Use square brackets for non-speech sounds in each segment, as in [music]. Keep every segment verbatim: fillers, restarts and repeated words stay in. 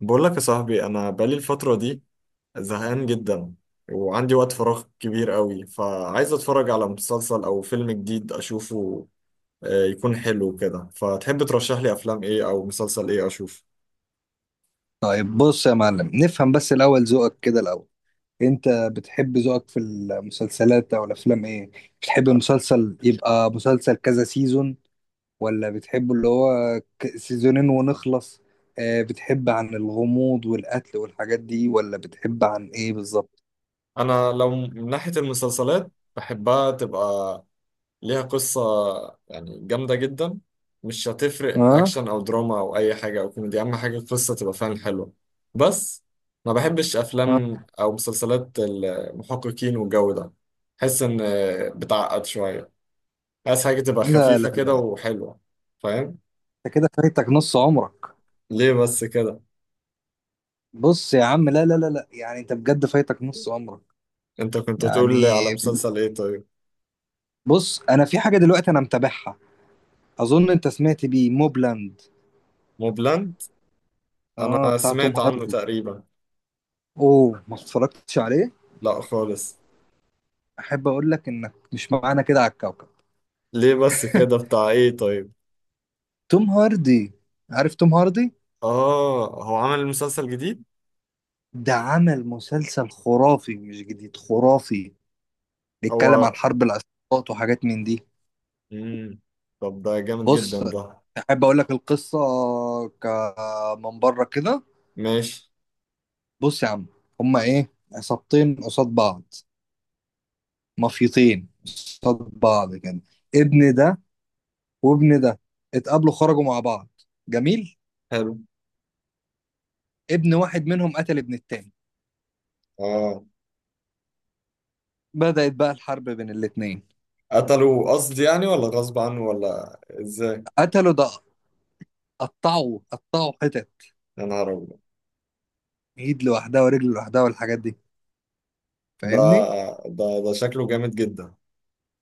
بقول لك يا صاحبي، انا بقالي الفتره دي زهقان جدا، وعندي وقت فراغ كبير قوي، فعايز اتفرج على مسلسل او فيلم جديد اشوفه. آه، يكون حلو كده. فتحب ترشح لي افلام ايه او مسلسل ايه اشوف؟ طيب بص يا معلم، نفهم بس الأول ذوقك كده الأول. أنت بتحب ذوقك في المسلسلات أو الأفلام إيه؟ بتحب المسلسل يبقى مسلسل كذا سيزون، ولا بتحبه اللي هو ك- سيزونين ونخلص؟ آه، بتحب عن الغموض والقتل والحاجات دي ولا بتحب عن إيه بالظبط؟ انا لو من ناحيه المسلسلات بحبها تبقى ليها قصة، يعني جامدة جدا. مش هتفرق آه أكشن أو دراما أو أي حاجة أو كوميدي، أهم حاجة القصة تبقى فعلا حلوة. بس ما بحبش آه. أفلام أو مسلسلات المحققين والجو ده، بحس إن بتعقد شوية. عايز حاجة تبقى لا لا خفيفة كده لا، وحلوة، فاهم؟ أنت كده فايتك نص عمرك. ليه بس كده؟ بص يا عم، لا لا لا لا، يعني أنت بجد فايتك نص عمرك. أنت كنت يعني تقول لي على مسلسل إيه طيب؟ بص، أنا في حاجة دلوقتي أنا متابعها. اظن انت سمعت بيه، موبلاند. موبلاند؟ اه، أنا بتاع توم سمعت عنه هاردي. تقريبا. اوه، ما اتفرجتش عليه؟ لأ خالص. احب اقول لك انك مش معانا كده على الكوكب. ليه بس كده؟ [laughs] بتاع إيه طيب؟ توم هاردي. عارف توم هاردي؟ آه، هو عمل مسلسل جديد؟ ده عمل مسلسل خرافي، مش جديد خرافي. بيتكلم عن هو حرب العصابات وحاجات من دي. مم. طب ده جامد جدا بص، ده. احب اقول لك القصه ك- من بره كده. ماشي. بص يا عم، هما ايه، عصابتين قصاد بعض، مافيتين قصاد بعض كده. ابن ده وابن ده اتقابلوا، خرجوا مع بعض، جميل. حلو، ابن واحد منهم قتل ابن التاني. اه. بدأت بقى الحرب بين الاتنين. قتلوا قصد يعني ولا غصب عنه ولا ازاي؟ قتلوا ده، قطعوا قطعوا حتت، يا نهار ابيض! ايد لوحدها ورجل لوحدها والحاجات دي، ده فاهمني؟ ده ده شكله جامد جدا.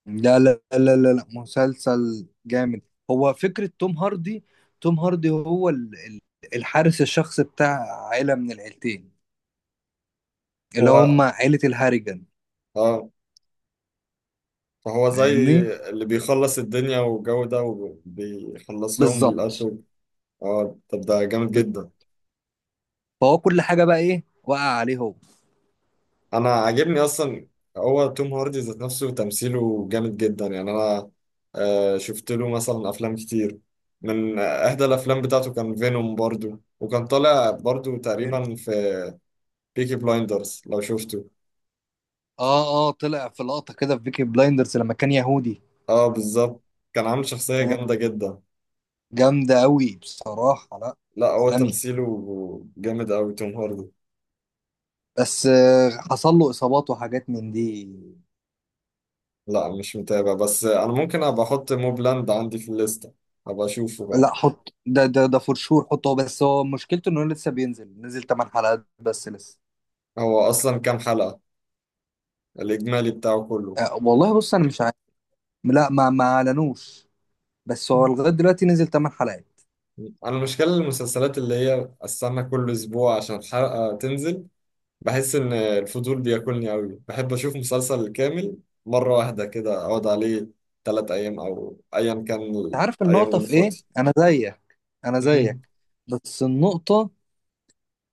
لا لا لا لا لا، مسلسل جامد. هو فكرة توم هاردي، توم هاردي هو ال- ال- الحارس الشخصي بتاع عيلة من العيلتين، اللي هو هم عيلة الهاريجان. اه فهو زي فاهمني؟ اللي بيخلص الدنيا والجو ده، وبيخلص لهم بالظبط. القتل. اه، طب ده جامد بس- جدا. فهو كل حاجة بقى ايه وقع عليه هو. انا عاجبني اصلا. هو توم هاردي ذات نفسه تمثيله جامد جدا، يعني انا آه، شفت له مثلا افلام كتير. من احدى الافلام بتاعته كان فينوم برضو، وكان طالع برضو تقريبا في بيكي بلايندرز، لو شفته. اه اه، طلع في لقطة كده في بيكي بلايندرز لما كان يهودي. اه بالظبط، كان عامل شخصية جامدة جدا. جامدة قوي بصراحة. لا، لا، هو عالمي. تمثيله جامد قوي توم هاردي. بس آه، حصل له إصابات وحاجات من دي. لا، مش متابع، بس انا ممكن ابقى احط موبلاند عندي في الليستة، ابقى اشوفه بقى. لا، حط ده ده ده فور شور، حطه. بس هو مشكلته إنه لسه بينزل نزل ثمان حلقات بس لسه. هو اصلا كام حلقة الاجمالي بتاعه كله؟ آه والله، بص أنا مش عارف. لا، ما ما أعلنوش. بس هو لغاية دلوقتي نزل تمن حلقات. انا المشكله المسلسلات اللي هي استنى كل اسبوع عشان الحلقه تنزل، بحس ان الفضول بياكلني قوي. بحب اشوف مسلسل كامل مره واحده كده، اقعد عليه ثلاث ايام او ايا كان، أنت عارف الايام اللي النقطة أنا في إيه؟ فاضي. أنا زيك، أنا امم. زيك. بس النقطة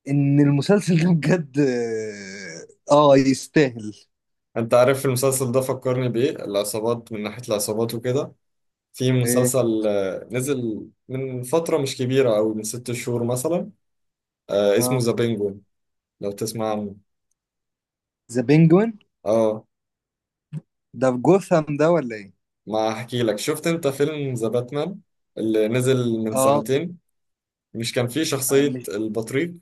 إن المسلسل [laughs] ده بجد آه آه، يستاهل. انت عارف المسلسل ده فكرني بايه؟ العصابات، من ناحيه العصابات وكده. في آه، مسلسل آه، نزل من فتره مش كبيره، او من ست شهور مثلا، آه، اسمه اه، ذا بينجوين، لو تسمع عنه. ذا بينجوين. اه، ده في جوثام ده ولا ايه؟ ما هحكي لك. شفت انت فيلم ذا باتمان اللي نزل من اه. سنتين؟ مش كان فيه آه، شخصية مش. البطريق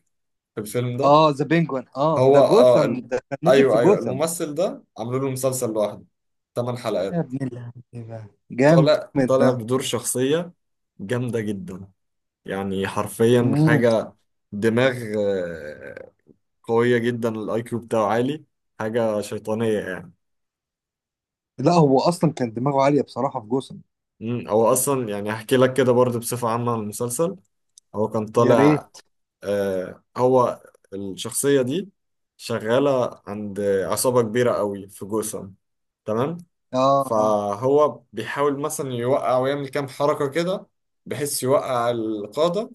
في الفيلم ده؟ اه، ذا بينجوين، اه، هو ده اه ال... جوثام، ده كان نزل في ايوه ايوه، جوثام. الممثل ده عملوا له مسلسل لوحده، ثمان يا حلقات. ابن اللعيبه، طالع جامد طالع ده. بدور شخصية جامدة جدا، يعني حرفيا مم. حاجة دماغ آه، قوية جدا، الاي كيو بتاعه عالي، حاجة شيطانية يعني. لا، هو اصلا كان دماغه عاليه بصراحه في جوثام. مم، هو اصلا يعني هحكي لك كده برضه بصفة عامة عن المسلسل. هو كان يا طالع ريت. آه، هو الشخصية دي شغالة عند عصابة كبيرة قوي في جوثام، تمام. اه اه. فهو بيحاول مثلا يوقع ويعمل كام حركة كده، بحيث يوقع القادة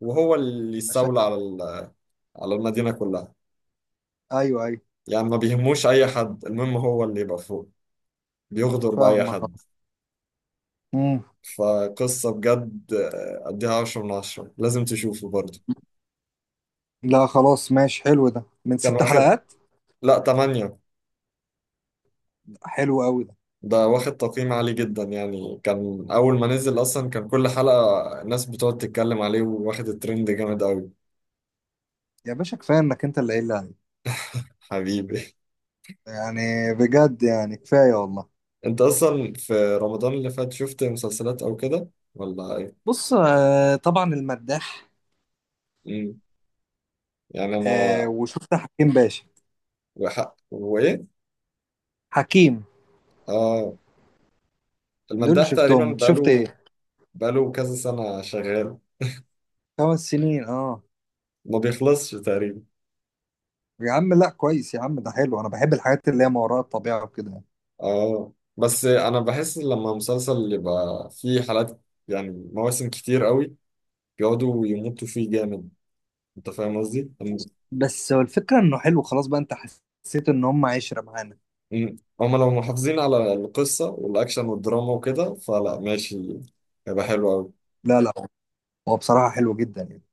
وهو اللي عشان. يستولى على ال- على المدينة كلها. ايوه ايوه. يعني ما بيهموش أي حد، المهم هو اللي يبقى فوق، بيغدر بأي فاهمك، اه. حد. مم. فقصة بجد، آه، أديها عشرة من عشرة، لازم تشوفه برضه. لا خلاص ماشي، حلو ده، من كان ست واخد، حلقات. لا، تمانية. حلو قوي ده. ده واخد تقييم عالي جدا، يعني كان أول ما نزل أصلا كان كل حلقة الناس بتقعد تتكلم عليه، وواخد الترند جامد أوي. يا باشا، كفايه انك انت اللي قايل لي عليه. حبيبي. يعني بجد، يعني كفايه والله. [laughs] أنت أصلا في رمضان اللي فات شفت مسلسلات أو كده ولا إيه؟ بص آه، طبعا المداح. مم. يعني أنا آه، وشفت حكيم باشا. وحق وإيه؟ حكيم. آه، دول اللي المداح شفتهم، تقريبا انت شفت بقاله ايه؟ بقاله كذا سنة شغال، خمس سنين، اه. ما بيخلصش تقريبا. يا عم، لا كويس يا عم، ده حلو، انا بحب الحاجات اللي هي ما وراء الطبيعه وكده يعني. آه، بس أنا بحس لما مسلسل يبقى فيه حلقات، يعني مواسم كتير أوي، بيقعدوا يمطوا فيه جامد، انت فاهم قصدي؟ ام- بس هو الفكره انه حلو، خلاص بقى انت حسيت ان هم عشره معانا. ام- هما لو محافظين على القصة والاكشن والدراما وكده فلا، ماشي، هيبقى حلو قوي. لا لا، هو بصراحه حلو جدا يعني.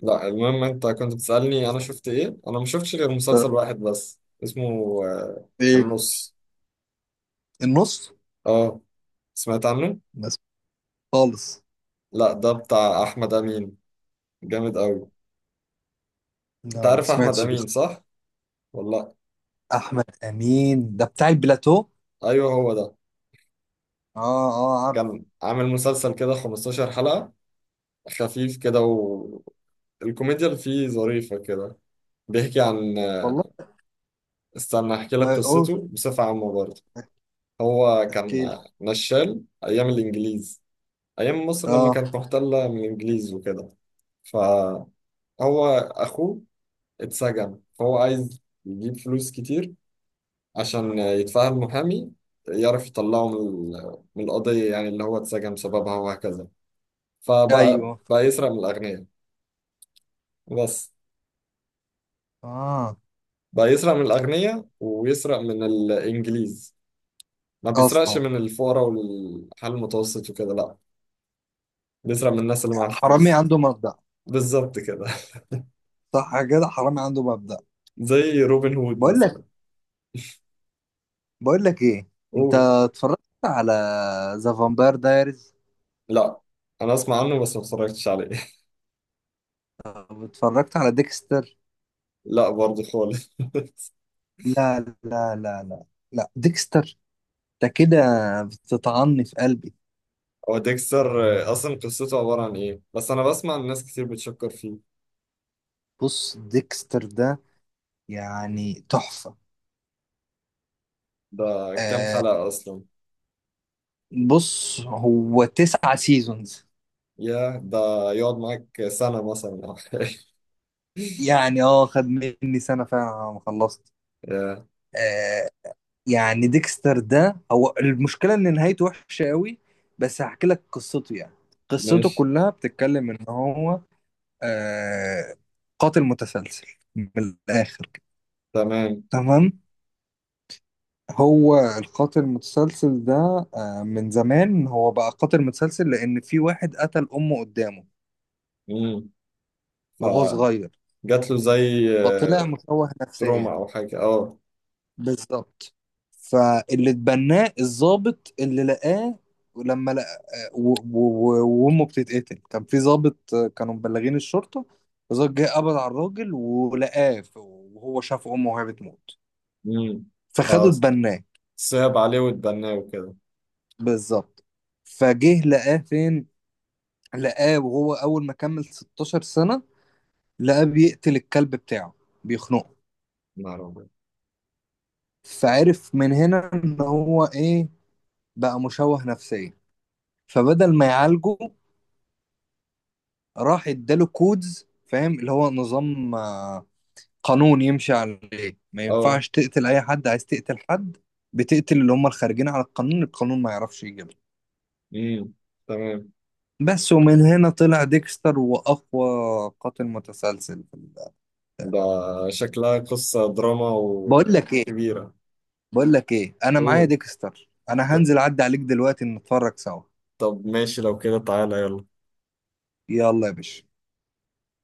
لا، المهم انت كنت بتسألني انا شفت ايه؟ انا ما شفتش غير مسلسل واحد بس اسمه آه، ايه، النص. النص. اه، سمعت عنه؟ بس خالص. لا، ده بتاع احمد امين، جامد قوي. انت لا ما عارف احمد سمعتش بيه امين خالص. صح؟ ولا لأ؟ احمد امين ده بتاع البلاتو. ايوه هو ده، اه اه، عارف. كان عامل مسلسل كده خمستاشر حلقة، خفيف كده، والكوميديا اللي فيه ظريفة كده. بيحكي عن آه، والله، استنى احكي لك ما قلت. قصته بصفة عامة برضه. هو كان احكي لي. نشال ايام الانجليز، ايام مصر لما اه. كانت محتلة من الانجليز وكده. فهو اخوه اتسجن، فهو عايز يجيب فلوس كتير عشان يتفهم محامي، يعرف يطلعه من ال- من القضية يعني اللي هو اتسجن بسببها وهكذا. فبقى ايوه. بقى يسرق من الأغنياء بس. اه بقى يسرق من الأغنياء ويسرق من الإنجليز، ما بيسرقش اصلا. من الفقراء والحال المتوسط وكده، لا. بيسرق من الناس اللي معاها حرامي فلوس. عنده مبدأ. بالظبط كده. [laughs] صح كده، حرامي عنده مبدأ. زي روبن هود بقول مثلا. بقول لك ايه، انت قول. اتفرجت على ذا فامباير دايريز؟ لا، انا اسمع عنه بس ما اتفرجتش عليه. [laughs] او اتفرجت على ديكستر؟ لا برضه خالص. [laughs] لا لا لا لا، لا ديكستر ده كده بتطعني في قلبي. هو ديكستر آه، اصلا قصته عبارة عن ايه؟ بس انا بسمع ان ناس كتير بتشكر فيه. بص، ديكستر ده يعني تحفة. ده كام آه. حلقة اصلا؟ بص، هو تسعة سيزونز. يا ده، يقعد معاك سنة مثلا او حاجة. [laughs] يعني اه، خد مني سنة فعلا على ما خلصت. يا، آه. يعني ديكستر ده، هو المشكلة ان نهايته وحشة قوي. بس هحكي لك قصته يعني. قصته ماشي، كلها بتتكلم ان هو آه، قاتل متسلسل، من الآخر كده. تمام. تمام. هو القاتل المتسلسل ده، آه، من زمان هو بقى قاتل متسلسل، لأن في واحد قتل أمه قدامه امم. وهو صغير، فجات له زي فطلع آه، مشوه تروما نفسيا. او حاجة، اه. بالظبط. فاللي اتبناه الضابط اللي لقاه، لما لقى آه، و- و- و- وامه بتتقتل، كان في ضابط آه، كانوا مبلغين الشرطه. الضابط جه قبض على الراجل ولقاه ف- وهو شاف امه وهي بتموت، امم. فخدوا اتبناه. فصعب عليه واتبناه وكده. بالظبط. فجه لقاه فين، لقاه وهو اول ما كمل ستاشر سنة، لقاه بيقتل الكلب بتاعه، بيخنقه. نعم. فعرف من هنا ان هو ايه، بقى مشوه نفسيا. فبدل ما يعالجه، راح اداله كودز، فاهم؟ اللي هو نظام آه، قانون يمشي عليه، ما اه. ينفعش تقتل اي حد، عايز تقتل حد بتقتل اللي هم الخارجين على القانون، القانون ما يعرفش يجيبها. امم. تمام. بس، ومن هنا طلع ديكستر واقوى قاتل متسلسل في. ده شكلها قصة دراما بقول لك ايه وكبيرة. بقول لك ايه، انا معايا قول. ديكستر، ط- انا هنزل اعدي عليك دلوقتي نتفرج سوا. طب ماشي، لو كده تعالى يلا. يلا يا باشا.